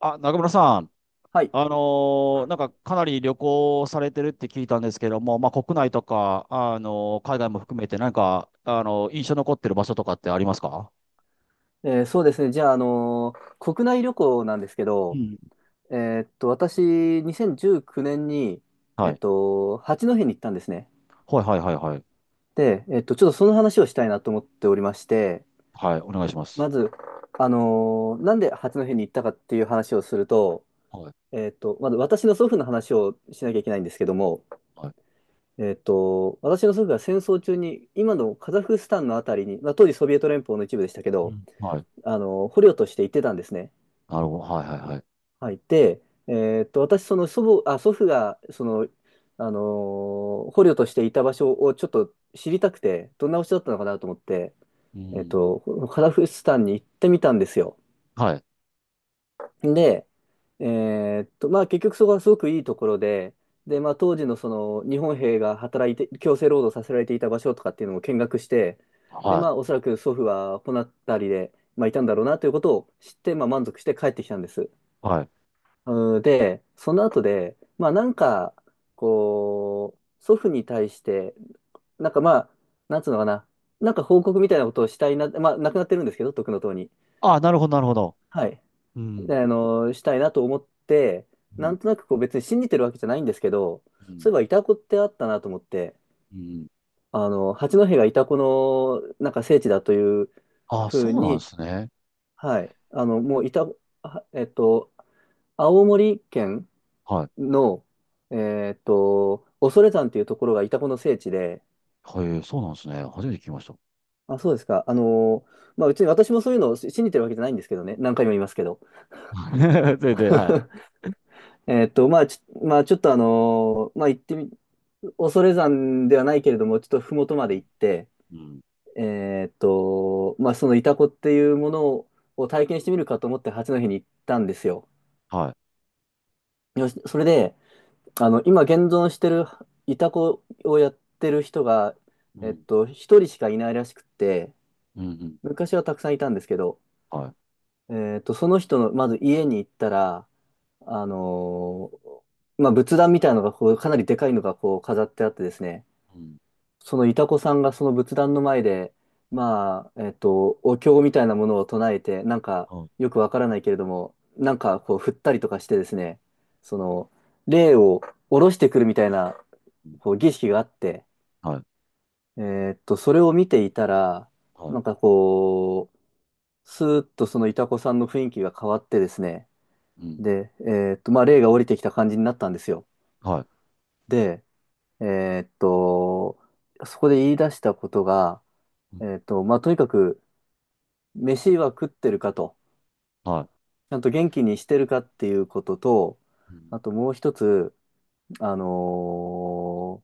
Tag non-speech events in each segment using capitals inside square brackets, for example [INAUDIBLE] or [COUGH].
あ、中村さん、はい。あのなんかかなり旅行されてるって聞いたんですけども、まあ、国内とか、海外も含めて何か、印象残ってる場所とかってありますか？そうですね。じゃあ、国内旅行なんですけうど、ん。え私、2019年に、はい。八戸に行ったんですね。はいはいはいはい。で、ちょっとその話をしたいなと思っておりまして、はい、お願いします。まず、なんで八戸に行ったかっていう話をすると、はい。まず私の祖父の話をしなきゃいけないんですけども、はい。私の祖父が戦争中に、今のカザフスタンのあたりに、まあ、当時ソビエト連邦の一部でしたけうど、ん。はい。捕虜として行ってたんですね。なるほど。はいはいはい。はい、てえーっと、私、その祖母、あ、祖父が、あの捕虜としていた場所をちょっと知りたくて、どんな場所だったのかなと思って、うえーっん。と、カザフスタンに行ってみたんですよ。はい。で、えまあ、結局そこはすごくいいところで、で、まあ、当時のその、日本兵が働いて、強制労働させられていた場所とかっていうのも見学して、で、はまい。あ、おそらく祖父はこの辺りで、まあ、いたんだろうなということを知って、まあ、満足して帰ってきたんです。はい。うんで、その後で、まあなんか、こう、祖父に対して、なんかまあ、なんつうのかな、なんか報告みたいなことをしたいな、まあ亡くなってるんですけど、徳の塔に。あ、なるほどなるほど。はい。うん。したいなと思って、うなん。んとなくこう別に信じてるわけじゃないんですけど、うそん。ういえばイタコってあったなと思って、うん。八戸がイタコのなんか聖地だというあ、ふうそうなんでに、すね。はい。あの、もうイタ、あえっと、青森県はい。の、恐山っていうところがイタコの聖地で、はい、そうなんですね。初めて聞きました。あ、そうですか。まあ、うちに私もそういうのを信じてるわけじゃないんですけどね。何回も言いますけど。[LAUGHS] 全然、はい。[LAUGHS] まあ、まあ、ちょっとまあ、行ってみ、恐山ではないけれども、ちょっと麓まうでん。行って、うん。まあ、そのイタコっていうものを体験してみるかと思って八戸に行ったんですよ。はい。よし、それで、今現存してるイタコをやってる人が、うん。一人しかいないらしくって、うん。うん昔はたくさんいたんですけど、はい。その人の、まず家に行ったら、あのまあ、仏壇みたいなのがこう、かなりでかいのがこう飾ってあってですね、うん。そのイタコさんがその仏壇の前で、まあ、お経みたいなものを唱えて、なんか、はい。よくわからないけれども、なんかこう振ったりとかしてですね、その、霊を下ろしてくるみたいな、うん。こう儀式があって、はい。それを見ていたら、はい。なんかこう、スーッとそのイタコさんの雰囲気が変わってですね、うん。で、まあ、霊が降りてきた感じになったんですよ。はい。で、えーっと、そこで言い出したことが、うん。まあ、とにかく、飯は食ってるかと、はちゃんと元気にしてるかっていうことと、い。うん。あともう一つ、あのー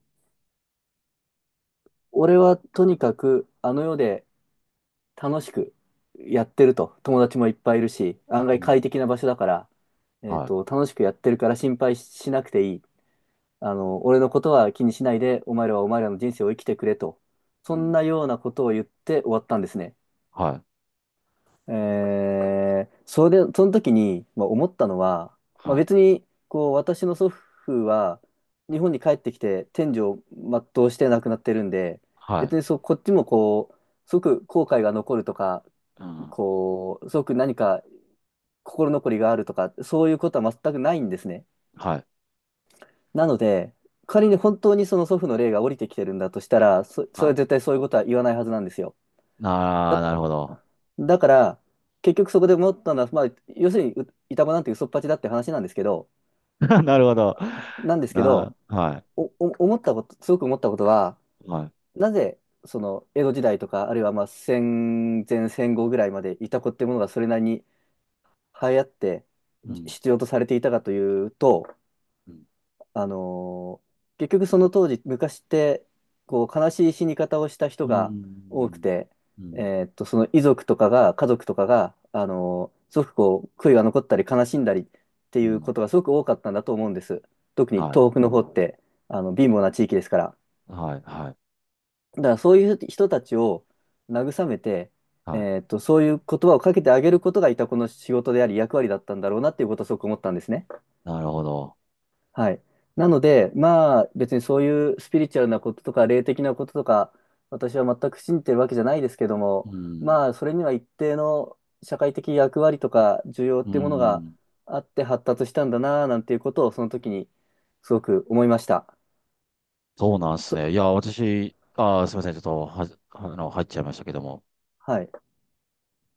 俺はとにかくあの世で楽しくやってると。友達もいっぱいいるし、案う外ん。快適な場所だから、は楽しくやってるから心配しなくていい。俺のことは気にしないで、お前らはお前らの人生を生きてくれと。い。そうんん。なようなことを言って終わったんですね。はい。えそれで、その時に、まあ、思ったのは、まあ、はい。別に、こう、私の祖父は、日本に帰ってきて、天寿を全うして亡くなってるんで、はい。別にそう、こっちもこう、すごく後悔が残るとか、うん。こう、すごく何か心残りがあるとか、そういうことは全くないんですね。はい。なので、仮に本当にその祖父の霊が降りてきてるんだとしたら、そはれはい。絶対そういうことは言わないはずなんですよ。あだ、あ、なるほど。だから、結局そこで思ったのは、まあ、要するに、う板場なんて嘘っぱちだって話なんですけど、[LAUGHS] なるほど。なんですけあど、あ、はお、お、思ったこと、すごく思ったことは、い。はい。なぜ、その江戸時代とか、あるいはまあ戦前戦後ぐらいまでいた子ってものがそれなりに流行ってうん。必要とされていたかというと、うん。あのー結局その当時、昔って、こう、悲しい死に方をした人うが多くん。て、うん。その遺族とかが、家族とかが、すごくこう、悔いが残ったり悲しんだりってういうん。ことがすごく多かったんだと思うんです。特にはい。東北の方って、貧乏な地域ですから。はい。はい。だからそういう人たちを慰めて、はい。そういう言葉をかけてあげることがいたこの仕事であり役割だったんだろうなっていうことをすごく思ったんですね。なるほど。はい。なので、まあ、別にそういうスピリチュアルなこととか、霊的なこととか、私は全く信じてるわけじゃないですけどうも、ん。まあ、それには一定の社会的役割とか、需要うっていうものがん。あって発達したんだな、なんていうことを、その時にすごく思いました。そうなんですと、ね。いや、私、ああ、すみません。ちょっとは、入っちゃいましたけども。はい、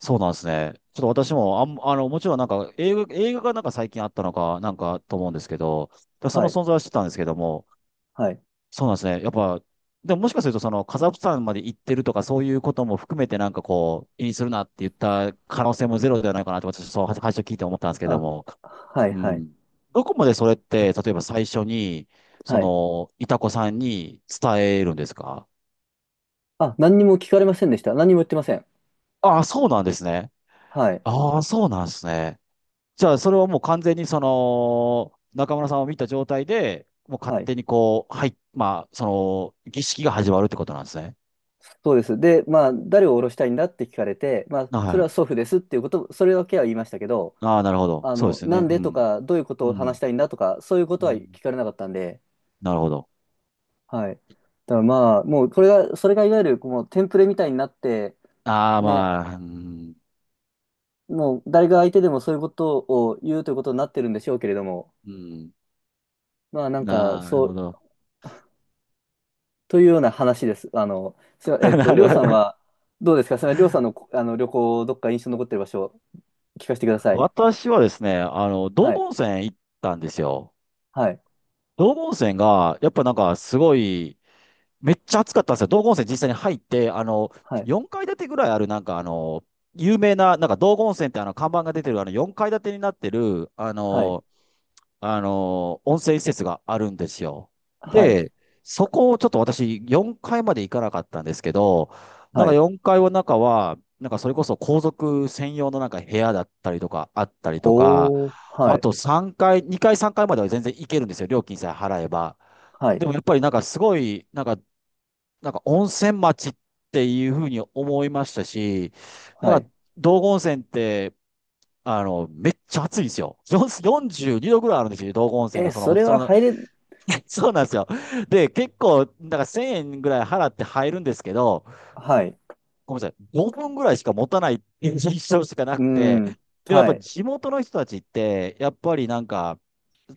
そうなんですね。ちょっと私も、もちろんなんか映画がなんか最近あったのか、なんかと思うんですけど、だそはのい、存在は知ってたんですけども、はい。そうなんですね。やっぱ、でももしかするとそのカザフスタンまで行ってるとかそういうことも含めてなんかこう、気にするなって言った可能性もゼロではないかなと私、そう、は最初聞いて思ったんですけどあ、も、はい、うはい。ん。どこまでそれって、あ例えば最初に、そはい。の、いたこさんに伝えるんですか？あ、何にも聞かれませんでした。何にも言ってません。ああ、そうなんですね。はい、ああ、そうなんですね。じゃあ、それはもう完全にその、中村さんを見た状態で、もう勝はい。手にこう、はい、まあ、その、儀式が始まるってことなんですね。そうです。で、まあ、誰を降ろしたいんだって聞かれて、まあ、それはは祖父ですっていうこと、それだけは言いましたけど、い。ああ、なるほど。そうですよなね。んうでとん。か、どういうこうとをん。話したいんだとか、そういうこうとはん。聞かれなかったんで、なるほど。はい。だからまあ、もう、これが、それがいわゆる、こう、テンプレみたいになって、ああ、ね、まあ、うん。もう、誰が相手でもそういうことを言うということになってるんでしょうけれども、うん。まあ、なんか、なるそほう、ど。というような話です。あの、すいま [LAUGHS] えっなと、りょるうほさんど。は、どうですか？それはりょうさんの、旅行、どっか印象に残ってる場所、聞かせてください。私はですね、道は後い。温泉行ったんですよ。はい。道後温泉が、やっぱなんかすごい、めっちゃ暑かったんですよ。道後温泉実際に入って、はい、4階建てぐらいある、なんか有名な、なんか道後温泉って看板が出てる、4階建てになってる、はい、温泉施設があるんですよ。はい、で、そこをちょっと私、4階まで行かなかったんですけど、なんはかい。4階の中は、なんかそれこそ皇族専用のなんか部屋だったりとか、あったりとか、おー、はあい、と3階、2階、3階までは全然行けるんですよ。料金さえ払えば。はでい、もやっぱりなんかすごい、なんか温泉町っていうふうに思いましたし、はなんかい。道後温泉って、めっちゃ暑いんですよ。4 42度ぐらいあるんですよ、道後温泉のえ、そその、れそはの、入れ、[LAUGHS] そうなんですよ。で、結構、なんか1000円ぐらい払って入るんですけど、はい、ごめんなさい、5分ぐらいしか持たないっていう印象しかなうーくて、ん、でもやっはぱい、地元の人たちって、やっぱりなんか、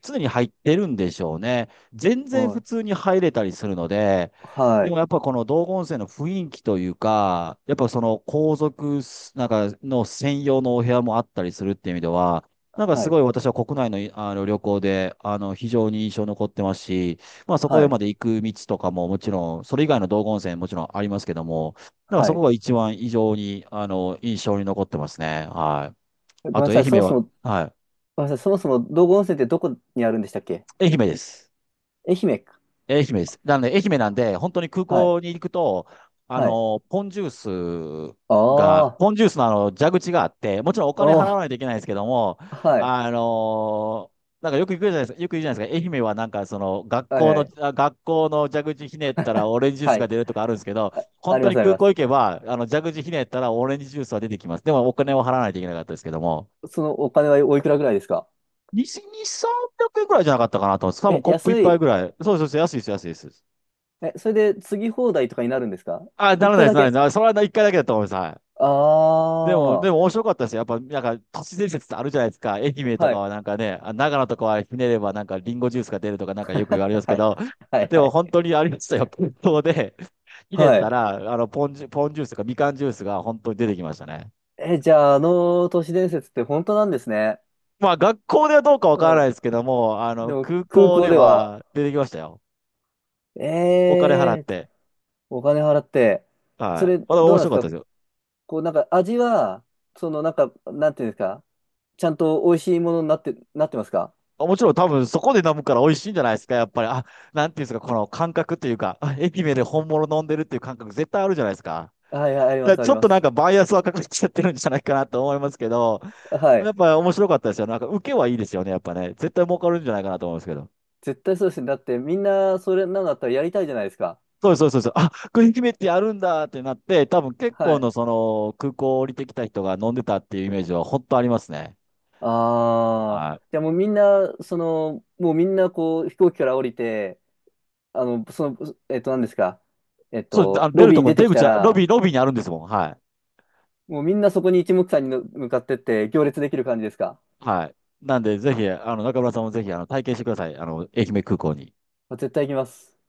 常に入ってるんでしょうね。全然お普い、通に入れたりするので、はでもい、やっぱこの道後温泉の雰囲気というか、やっぱその皇族なんかの専用のお部屋もあったりするっていう意味では、なんかすはい、ごい私は国内の、旅行で非常に印象に残ってますし、まあそはこへい、まで行く道とかももちろん、それ以外の道後温泉もちろんありますけども、だからはそこい。が一番異常に、印象に残ってますね。はい。ごめんあなと、愛さい、そも媛そは、も、はごめんなさい、そもそも道後温泉ってどこにあるんでしたっけ？い。愛媛です。愛媛か。愛媛です。なんで、愛媛なんで、本当に空はい、港に行くと、あはい。の、ポンジュースああ、ポンジュースの蛇口があって、もちろんお金お払わー、ないといけないですけども、はい、あのなんかよく行くじゃないですか、よく言うじゃないですか、愛媛はなんかその学はい、校はの、い、あ学校の蛇口ひねったらオレンジジューはスがい。出るとかあるんですけど、あ、あ本り当まにす、あり空ま港す。行けば、蛇口ひねったらオレンジジュースは出てきます。でもお金を払わないといけなかったですけども、そのお金はおいくらぐらいですか？2、300円くえんくらいじゃなかったかなと思うんです。多分え、コッ安プ一杯い。ぐらい。そうそうそう、安いです、安いです。え、それで次放題とかになるんですか？あ、な一らない杯です、だならけ。ないです。あ、それは一回だけだと思います。はい。あでも面あ。白かったですよ。やっぱ、なんか、都市伝説ってあるじゃないですか。愛媛とはかい。はなんかね、あ、長野とかはひねればなんかリンゴジュースが出るとかなんかよく言われま [LAUGHS] すけはい。ど、はい。ではも本い。当にありましたよ。本当で、ひねっはたい。ら、ポンジュースとかみかんジュースが本当に出てきましたね。え、じゃあ、あの都市伝説って本当なんですね。まあ、学校ではどうかわかうらなん。いですけども、でも、空空港港ででは、は出てきましたよ。お金払っえー、て。お金払って、そはい。れ、どまだ面うなんで白すかっか？たですよ。こう、なんか、味は、その、なんか、なんていうんですか？ちゃんと美味しいものになって、なってますか？あ、もちろん多分そこで飲むから美味しいんじゃないですか、やっぱり。あ、なんていうんですか、この感覚というか、あ、愛媛で本物飲んでるっていう感覚絶対あるじゃないですか。はい、はい、ありまだからす、あちりょっまとなす。んかバイアスはかかっちゃってるんじゃないかなと思いますけど、はやい。っぱ面白かったですよ。なんか受けはいいですよね、やっぱね。絶対儲かるんじゃないかなと思うんですけど。絶対そうですね。だって、みんな、それなんだったらやりたいじゃないですか。そうですそうですそうです。あ、これ愛媛ってやるんだってなって、多分結は構のい。その空港降りてきた人が飲んでたっていうイメージは本当ありますね。あはい。あ、じゃあもうみんなこう飛行機から降りて、あの、その、何ですか？そう、あの出ロるビーとにこ出にて出きた口は、ロら、ビー、ロビーにあるんですもん。はい。もうみんなそこに一目散にの向かってって行列できる感じですか？はい。なんで、ぜひ、中村さんもぜひ、体験してください。愛媛空港に。絶対行きます。